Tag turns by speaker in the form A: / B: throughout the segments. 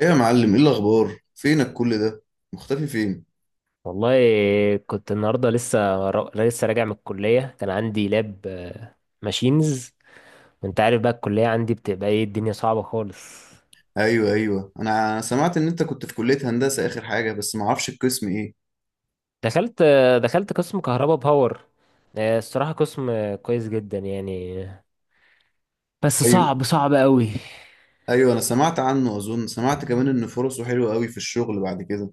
A: ايه يا معلم، ايه الاخبار؟ فينك كل ده؟ مختفي فين؟
B: والله، كنت النهارده لسه راجع من الكليه، كان عندي لاب ماشينز. وانت عارف بقى الكليه عندي بتبقى ايه، الدنيا صعبه خالص.
A: ايوه، ايوه، انا سمعت ان انت كنت في كلية هندسة اخر حاجة، بس ما اعرفش القسم ايه؟
B: دخلت دخلت قسم كهرباء باور. الصراحه قسم كويس جدا يعني، بس
A: ايوه،
B: صعب، صعب قوي.
A: ايوه، انا سمعت عنه، اظن سمعت كمان ان فرصه حلوة قوي في الشغل بعد كده.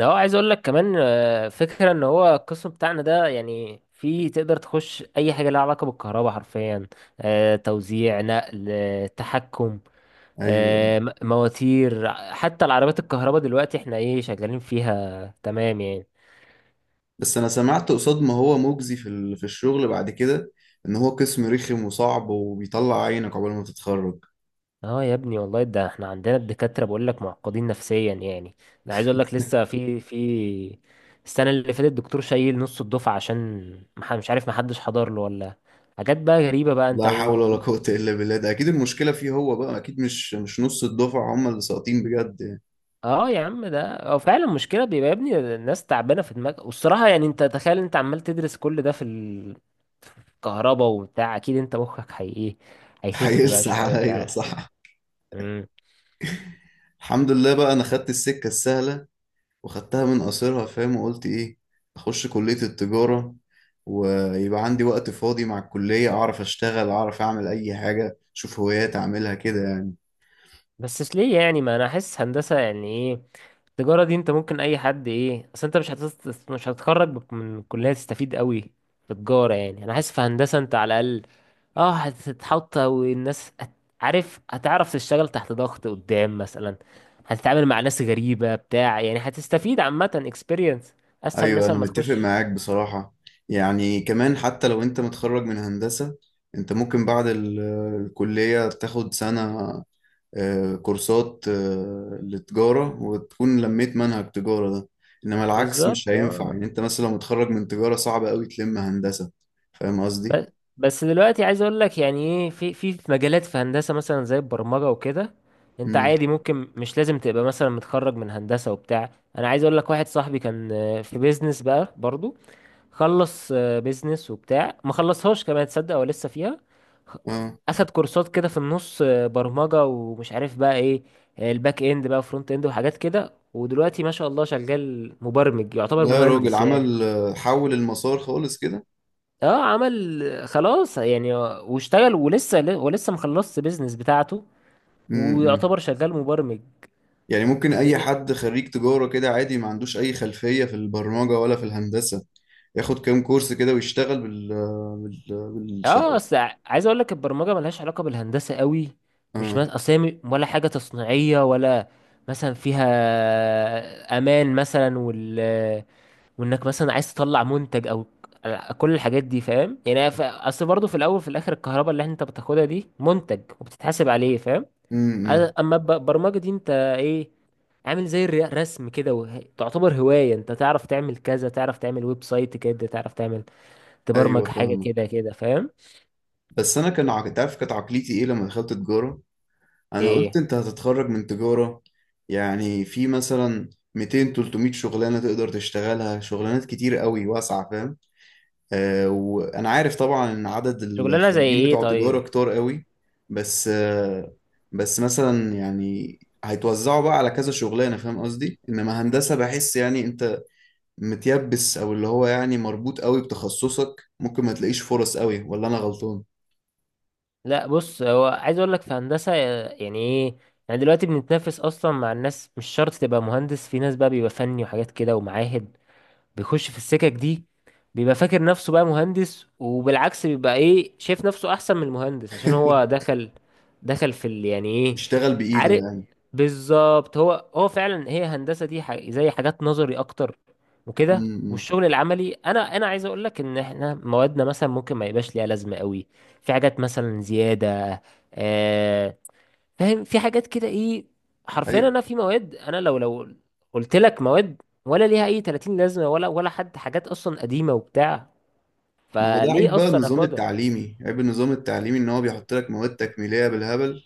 B: اه عايز اقول لك كمان، فكره ان هو القسم بتاعنا ده، يعني في تقدر تخش اي حاجه لها علاقه بالكهرباء حرفيا. توزيع، نقل، تحكم،
A: ايوه.
B: مواتير، حتى العربيات الكهرباء دلوقتي احنا ايه شغالين فيها، تمام يعني.
A: بس انا سمعت قصاد ما هو مجزي في في الشغل بعد كده، ان هو قسم رخم وصعب وبيطلع عينك عقبال ما تتخرج.
B: اه يا ابني والله، ده احنا عندنا الدكاترة بقول لك معقدين نفسيا يعني. انا عايز اقول لك لسه، في السنة اللي فاتت، الدكتور شايل نص الدفعة عشان مش عارف محدش حضر له، ولا حاجات بقى غريبة بقى انت
A: لا
B: و...
A: حول ولا قوة الا بالله، ده اكيد المشكلة فيه هو بقى، اكيد مش نص الدفعة هم اللي ساقطين بجد يعني.
B: اه يا عم، ده اه فعلا مشكلة. بيبقى يا ابني الناس تعبانة في دماغها. والصراحة يعني انت تخيل، انت عمال تدرس كل ده في الكهرباء وبتاع، اكيد انت مخك هي ايه، هيخف بقى
A: هيلسع
B: شوية
A: عليا
B: بتاع.
A: صح؟
B: مم.
A: الحمد لله بقى، انا خدت السكه السهله، وخدتها من قصرها فاهم، وقلت ايه؟ اخش كليه التجاره، ويبقى عندي وقت فاضي مع الكليه، اعرف اشتغل، اعرف اعمل اي حاجه، اشوف هوايات اعملها كده يعني.
B: بس ليه يعني؟ ما انا احس هندسه، يعني ايه التجاره دي؟ انت ممكن اي حد، ايه اصل انت مش هتتخرج من الكليه تستفيد قوي في تجاره يعني. انا حاسس في هندسه انت على الاقل اه هتتحط، عارف، هتعرف تشتغل تحت ضغط قدام مثلا، هتتعامل مع ناس غريبه بتاع، يعني هتستفيد، عامه experience اسهل
A: ايوه
B: مثلا
A: انا
B: ما
A: متفق
B: تخش.
A: معاك بصراحه. يعني كمان حتى لو انت متخرج من هندسه، انت ممكن بعد الكليه تاخد سنه كورسات لتجارة وتكون لميت منهج تجارة ده. إنما العكس مش
B: بالظبط
A: هينفع،
B: اه.
A: يعني أنت مثلا لو متخرج من تجارة صعب أوي تلم هندسة. فاهم
B: بس
A: قصدي؟
B: بس دلوقتي عايز اقول لك، يعني ايه، في مجالات في هندسه مثلا زي البرمجه وكده، انت
A: امم.
B: عادي ممكن مش لازم تبقى مثلا متخرج من هندسه وبتاع. انا عايز اقول لك، واحد صاحبي كان في بيزنس بقى برضو، خلص بيزنس وبتاع، ما خلصهاش كمان، تصدق هو لسه فيها. خ-
A: اه،
B: اخد كورسات كده في النص، برمجه ومش عارف بقى ايه، الباك اند بقى، فرونت اند وحاجات كده، ودلوقتي ما شاء الله شغال مبرمج، يعتبر
A: لا يا راجل
B: مهندس يعني.
A: عمل حول المسار خالص كده.
B: اه عمل خلاص يعني، واشتغل، ولسه مخلصش بيزنس بتاعته،
A: امم.
B: ويعتبر شغال مبرمج.
A: يعني ممكن أي
B: والدنيا
A: حد خريج تجارة كده عادي ما عندوش أي خلفية في البرمجة ولا في الهندسة، ياخد كام كورس كده ويشتغل
B: اه
A: بالشقة؟
B: اصل عايز اقول لك البرمجه ملهاش علاقه بالهندسه قوي. مش
A: اه.
B: مثلا، اصل هي ولا حاجه تصنيعيه، ولا مثلا فيها امان مثلا، وال وانك مثلا عايز تطلع منتج، او كل الحاجات دي، فاهم يعني؟ اصل برضه في الاول في الاخر الكهرباء اللي انت بتاخدها دي منتج وبتتحاسب عليه، فاهم؟
A: امم.
B: اما البرمجه دي انت ايه، عامل زي الرسم كده. تعتبر هوايه، انت تعرف تعمل كذا، تعرف تعمل ويب سايت كده، تعرف تعمل
A: ايوه
B: تبرمج حاجه
A: فاهمك.
B: كده كده، فاهم؟
A: بس انا تعرف كانت عقليتي ايه لما دخلت تجاره؟ انا قلت
B: ايه
A: انت هتتخرج من تجارة، يعني في مثلا 200 300 شغلانة تقدر تشتغلها، شغلانات كتير قوي واسعة فاهم. آه، وانا عارف طبعا ان عدد
B: شغلانه زي
A: الخريجين
B: ايه
A: بتوع تجارة
B: طيب؟
A: كتار قوي. بس آه، بس مثلا يعني هيتوزعوا بقى على كذا شغلانة فاهم قصدي، انما هندسة بحس يعني انت متيبس، او اللي هو يعني مربوط قوي بتخصصك، ممكن ما تلاقيش فرص قوي، ولا انا غلطان؟
B: لا بص، هو عايز اقول لك في هندسه يعني ايه، يعني دلوقتي بنتنافس اصلا مع الناس، مش شرط تبقى مهندس، في ناس بقى بيبقى فني وحاجات كده ومعاهد بيخش في السكك دي، بيبقى فاكر نفسه بقى مهندس، وبالعكس بيبقى ايه، شايف نفسه احسن من المهندس عشان هو دخل، دخل في ال يعني ايه،
A: بيشتغل بايده
B: عارف.
A: يعني.
B: بالظبط، هو فعلا هي هندسة دي زي حاجات نظري اكتر
A: م-
B: وكده.
A: م.
B: والشغل العملي انا عايز اقول لك ان احنا موادنا مثلا ممكن ما يبقاش ليها لازمة قوي، في حاجات مثلا زيادة، آه، فاهم؟ في حاجات كده ايه، حرفيا
A: أيوة.
B: انا في مواد، انا لو قلت لك مواد ولا ليها اي 30 لازمه، ولا ولا حد، حاجات اصلا قديمه وبتاع،
A: ما هو ده عيب
B: فليه
A: بقى،
B: اصلا
A: النظام
B: اخدها؟
A: التعليمي عيب، النظام التعليمي ان هو بيحط لك مواد تكميليه بالهبل،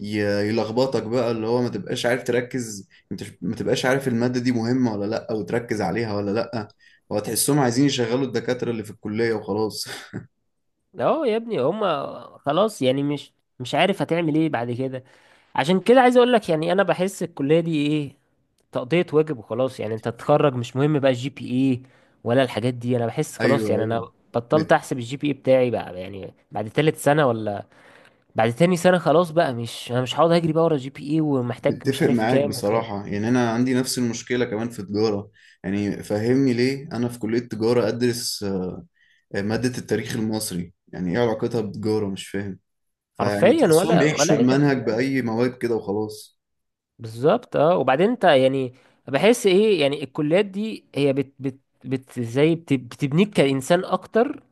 A: يلخبطك بقى، اللي هو ما تبقاش عارف تركز انت، ما تبقاش عارف الماده دي مهمه ولا لا وتركز عليها ولا لا، هو تحسهم عايزين يشغلوا الدكاتره اللي في الكليه وخلاص.
B: اه يا ابني هما خلاص يعني، مش مش عارف هتعمل ايه بعد كده. عشان كده عايز اقول لك يعني، انا بحس الكليه دي ايه، تقضيه واجب وخلاص يعني، انت تتخرج مش مهم بقى الجي بي اي ولا الحاجات دي، انا بحس خلاص
A: ايوه،
B: يعني. انا
A: ايوه،
B: بطلت
A: مت-
B: احسب الجي بي اي بتاعي بقى، يعني بعد تالت سنه، ولا بعد تاني سنة خلاص بقى، مش انا مش هقعد اجري بقى ورا جي بي اي ومحتاج مش
A: متفق
B: عارف
A: معاك
B: كام وكام.
A: بصراحه، يعني انا عندي نفس المشكله كمان في تجاره. يعني فهمني ليه انا في كليه تجاره ادرس ماده التاريخ المصري، يعني ايه علاقتها بتجاره؟ مش فاهم. فيعني
B: حرفيا
A: تحسهم
B: ولا ولا
A: بيحشوا
B: اي
A: المنهج
B: 30 ألف.
A: بأي مواد كده وخلاص.
B: بالظبط اه. وبعدين انت يعني بحس ايه، يعني الكليات دي هي بت زي بت بتبنيك كإنسان اكتر،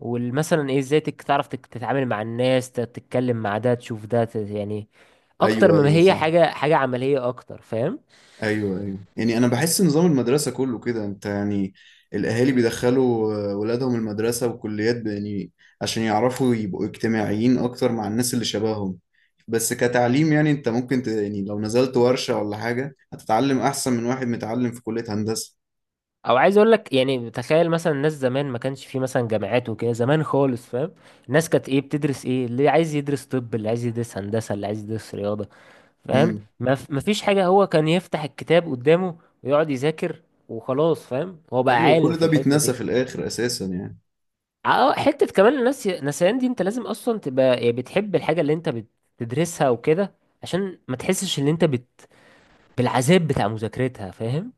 B: والمثلا ايه، ازاي تعرف تتعامل مع الناس، تتكلم مع ده، تشوف ده، يعني اكتر
A: أيوه،
B: مما
A: أيوه،
B: هي
A: صح.
B: حاجة، حاجة عملية اكتر، فاهم؟
A: أيوه، أيوه، يعني أنا بحس نظام المدرسة كله كده، أنت يعني الأهالي بيدخلوا ولادهم المدرسة والكليات يعني عشان يعرفوا يبقوا اجتماعيين أكتر مع الناس اللي شبههم. بس كتعليم، يعني أنت ممكن يعني لو نزلت ورشة ولا حاجة هتتعلم أحسن من واحد متعلم في كلية هندسة.
B: او عايز اقول لك يعني، تخيل مثلا الناس زمان ما كانش في مثلا جامعات وكده زمان خالص، فاهم؟ الناس كانت ايه، بتدرس، ايه اللي عايز يدرس طب، اللي عايز يدرس هندسة، اللي عايز يدرس رياضة، فاهم؟
A: امم.
B: ما فيش حاجة، هو كان يفتح الكتاب قدامه ويقعد يذاكر وخلاص، فاهم؟ هو بقى
A: أيوه،
B: عالم
A: كل
B: في
A: ده
B: الحتة
A: بيتنسى
B: دي.
A: في الآخر أساسا يعني.
B: اه حتة كمان الناس نسيان دي، انت لازم اصلا تبقى يعني بتحب الحاجة اللي انت بتدرسها وكده، عشان ما تحسش ان انت بت... بالعذاب بتاع مذاكرتها، فاهم؟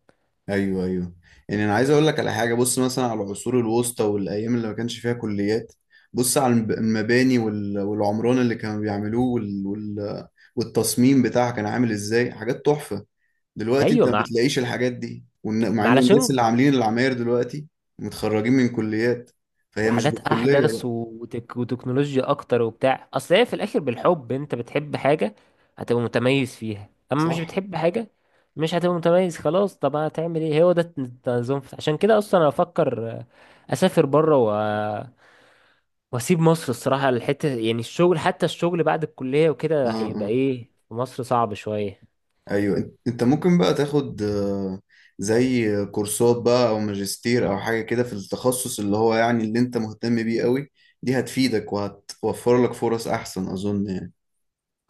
A: ايوه، ايوه، يعني انا عايز اقول لك على حاجه، بص مثلا على العصور الوسطى والايام اللي ما كانش فيها كليات، بص على المباني والعمران اللي كانوا بيعملوه والتصميم بتاعها كان عامل ازاي، حاجات تحفه. دلوقتي
B: ايوه،
A: انت ما
B: مع
A: بتلاقيش الحاجات دي، مع
B: ما
A: ان الناس
B: علشان،
A: اللي عاملين العماير دلوقتي متخرجين من كليات، فهي مش
B: وحاجات
A: بالكليه
B: احدث
A: بقى.
B: وتك وتكنولوجيا اكتر وبتاع، اصل هي في الاخر بالحب، انت بتحب حاجه هتبقى متميز فيها، اما مش
A: صح،
B: بتحب حاجه مش هتبقى متميز. خلاص طب هتعمل ايه، هو ده التنظيم عشان كده اصلا انا افكر اسافر بره و... واسيب مصر الصراحه، الحته يعني الشغل حتى، الشغل بعد الكليه
A: اه،
B: وكده
A: اه.
B: هيبقى ايه في مصر، صعب شويه.
A: ايوه، انت أنت ممكن بقى تاخد زي كورسات بقى او ماجستير او حاجه كده في التخصص اللي هو يعني اللي انت مهتم بيه قوي، دي هتفيدك وهتوفر لك فرص احسن اظن يعني.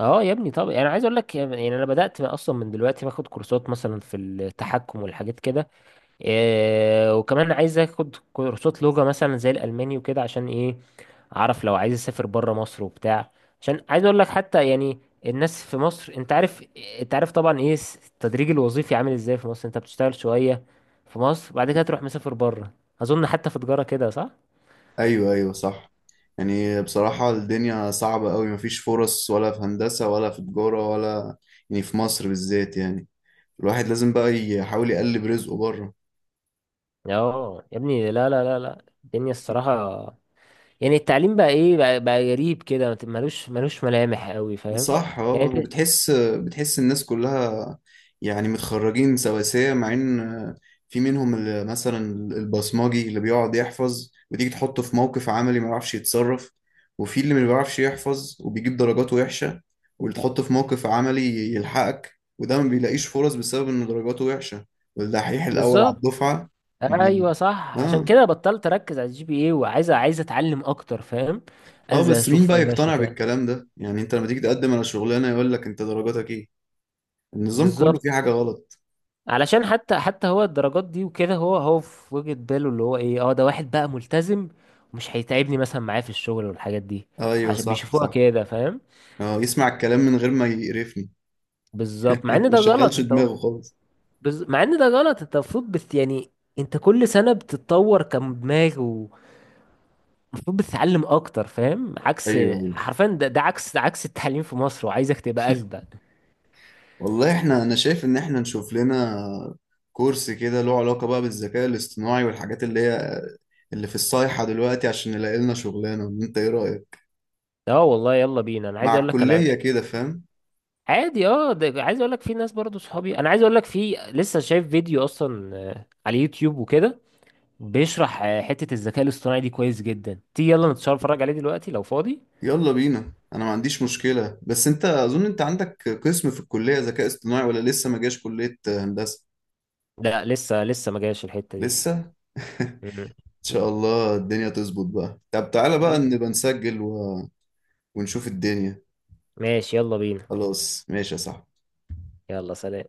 B: اه يا ابني، طب انا عايز اقول لك، يعني انا بدات اصلا من دلوقتي باخد كورسات مثلا في التحكم والحاجات كده. إيه وكمان عايز اخد كورسات لغة مثلا زي الألماني وكده، عشان ايه، اعرف لو عايز اسافر بره مصر وبتاع. عشان عايز اقول لك حتى يعني الناس في مصر، انت عارف، انت عارف طبعا ايه التدريج الوظيفي عامل ازاي في مصر، انت بتشتغل شوية في مصر، بعد كده تروح مسافر بره. اظن حتى في تجارة كده صح؟
A: ايوه، ايوه، صح. يعني بصراحه الدنيا صعبه قوي، مفيش فرص ولا في هندسه ولا في تجاره ولا، يعني في مصر بالذات يعني، الواحد لازم بقى يحاول يقلب رزقه بره.
B: اه يا ابني، لا لا لا لا، الدنيا الصراحة يعني التعليم بقى ايه بقى, بقى غريب كده، ملوش ملوش ملامح قوي، فاهم
A: صح، اه.
B: يعني انت؟
A: وبتحس الناس كلها يعني متخرجين سواسية، مع ان في منهم اللي مثلا البصماجي اللي بيقعد يحفظ، وتيجي تحطه في موقف عملي ما يعرفش يتصرف، وفي اللي ما بيعرفش يحفظ وبيجيب درجات وحشة واللي تحطه في موقف عملي يلحقك، وده ما بيلاقيش فرص بسبب ان درجاته وحشة، والدحيح الأول على
B: بالظبط.
A: الدفعة. بي...
B: ايوه صح، عشان
A: اه،
B: كده بطلت اركز على الجي بي اي، وعايز، عايز اتعلم اكتر، فاهم؟
A: اه،
B: انزل
A: بس مين
B: اشوف
A: بقى
B: ورش
A: يقتنع
B: بتاع.
A: بالكلام ده؟ يعني انت لما تيجي تقدم على شغلانة يقول لك انت درجاتك ايه، النظام كله
B: بالظبط،
A: فيه حاجة غلط.
B: علشان حتى حتى هو الدرجات دي وكده، هو في وجهة باله اللي هو ايه، اه ده واحد بقى ملتزم ومش هيتعبني مثلا معاه في الشغل والحاجات دي،
A: ايوه،
B: عشان
A: صح،
B: بيشوفوها
A: صح.
B: كده فاهم.
A: اه، يسمع الكلام من غير ما يقرفني.
B: بالظبط، مع ان
A: ما
B: ده غلط
A: شغلش
B: انت
A: دماغه خالص.
B: مع ان ده غلط، انت المفروض بت... يعني انت كل سنة بتتطور كدماغ، ومفروض بتتعلم اكتر، فاهم؟ عكس،
A: ايوه، ايوه،
B: حرفيا ده عكس، ده عكس التعليم في مصر، وعايزك تبقى اجدد.
A: والله احنا، انا شايف ان احنا نشوف لنا كورس كده له علاقة بقى بالذكاء الاصطناعي والحاجات اللي هي اللي في الصيحة دلوقتي، عشان نلاقي لنا شغلانة، انت ايه رأيك؟
B: اه والله يلا بينا. انا عايز
A: مع
B: اقول لك انا
A: الكلية كده فاهم.
B: عادي، اه ده عايز اقول لك في ناس برضو صحابي، انا عايز اقول لك في، لسه شايف فيديو اصلا على يوتيوب وكده بيشرح حتة الذكاء الاصطناعي دي، كويس جدا. تيجي يلا نتشرف نتفرج عليه دلوقتي لو فاضي؟
A: يلا بينا، انا ما عنديش مشكلة، بس انت اظن انت عندك قسم في الكلية ذكاء اصطناعي ولا لسه ما جاش كلية هندسة؟
B: لا لسه ما جاش الحتة دي.
A: لسه. ان
B: مم.
A: شاء الله الدنيا تظبط بقى. طب تعالى بقى
B: يلا،
A: نبقى نسجل ونشوف الدنيا.
B: ماشي يلا بينا،
A: خلاص ماشي يا صاحبي.
B: يلا سلام.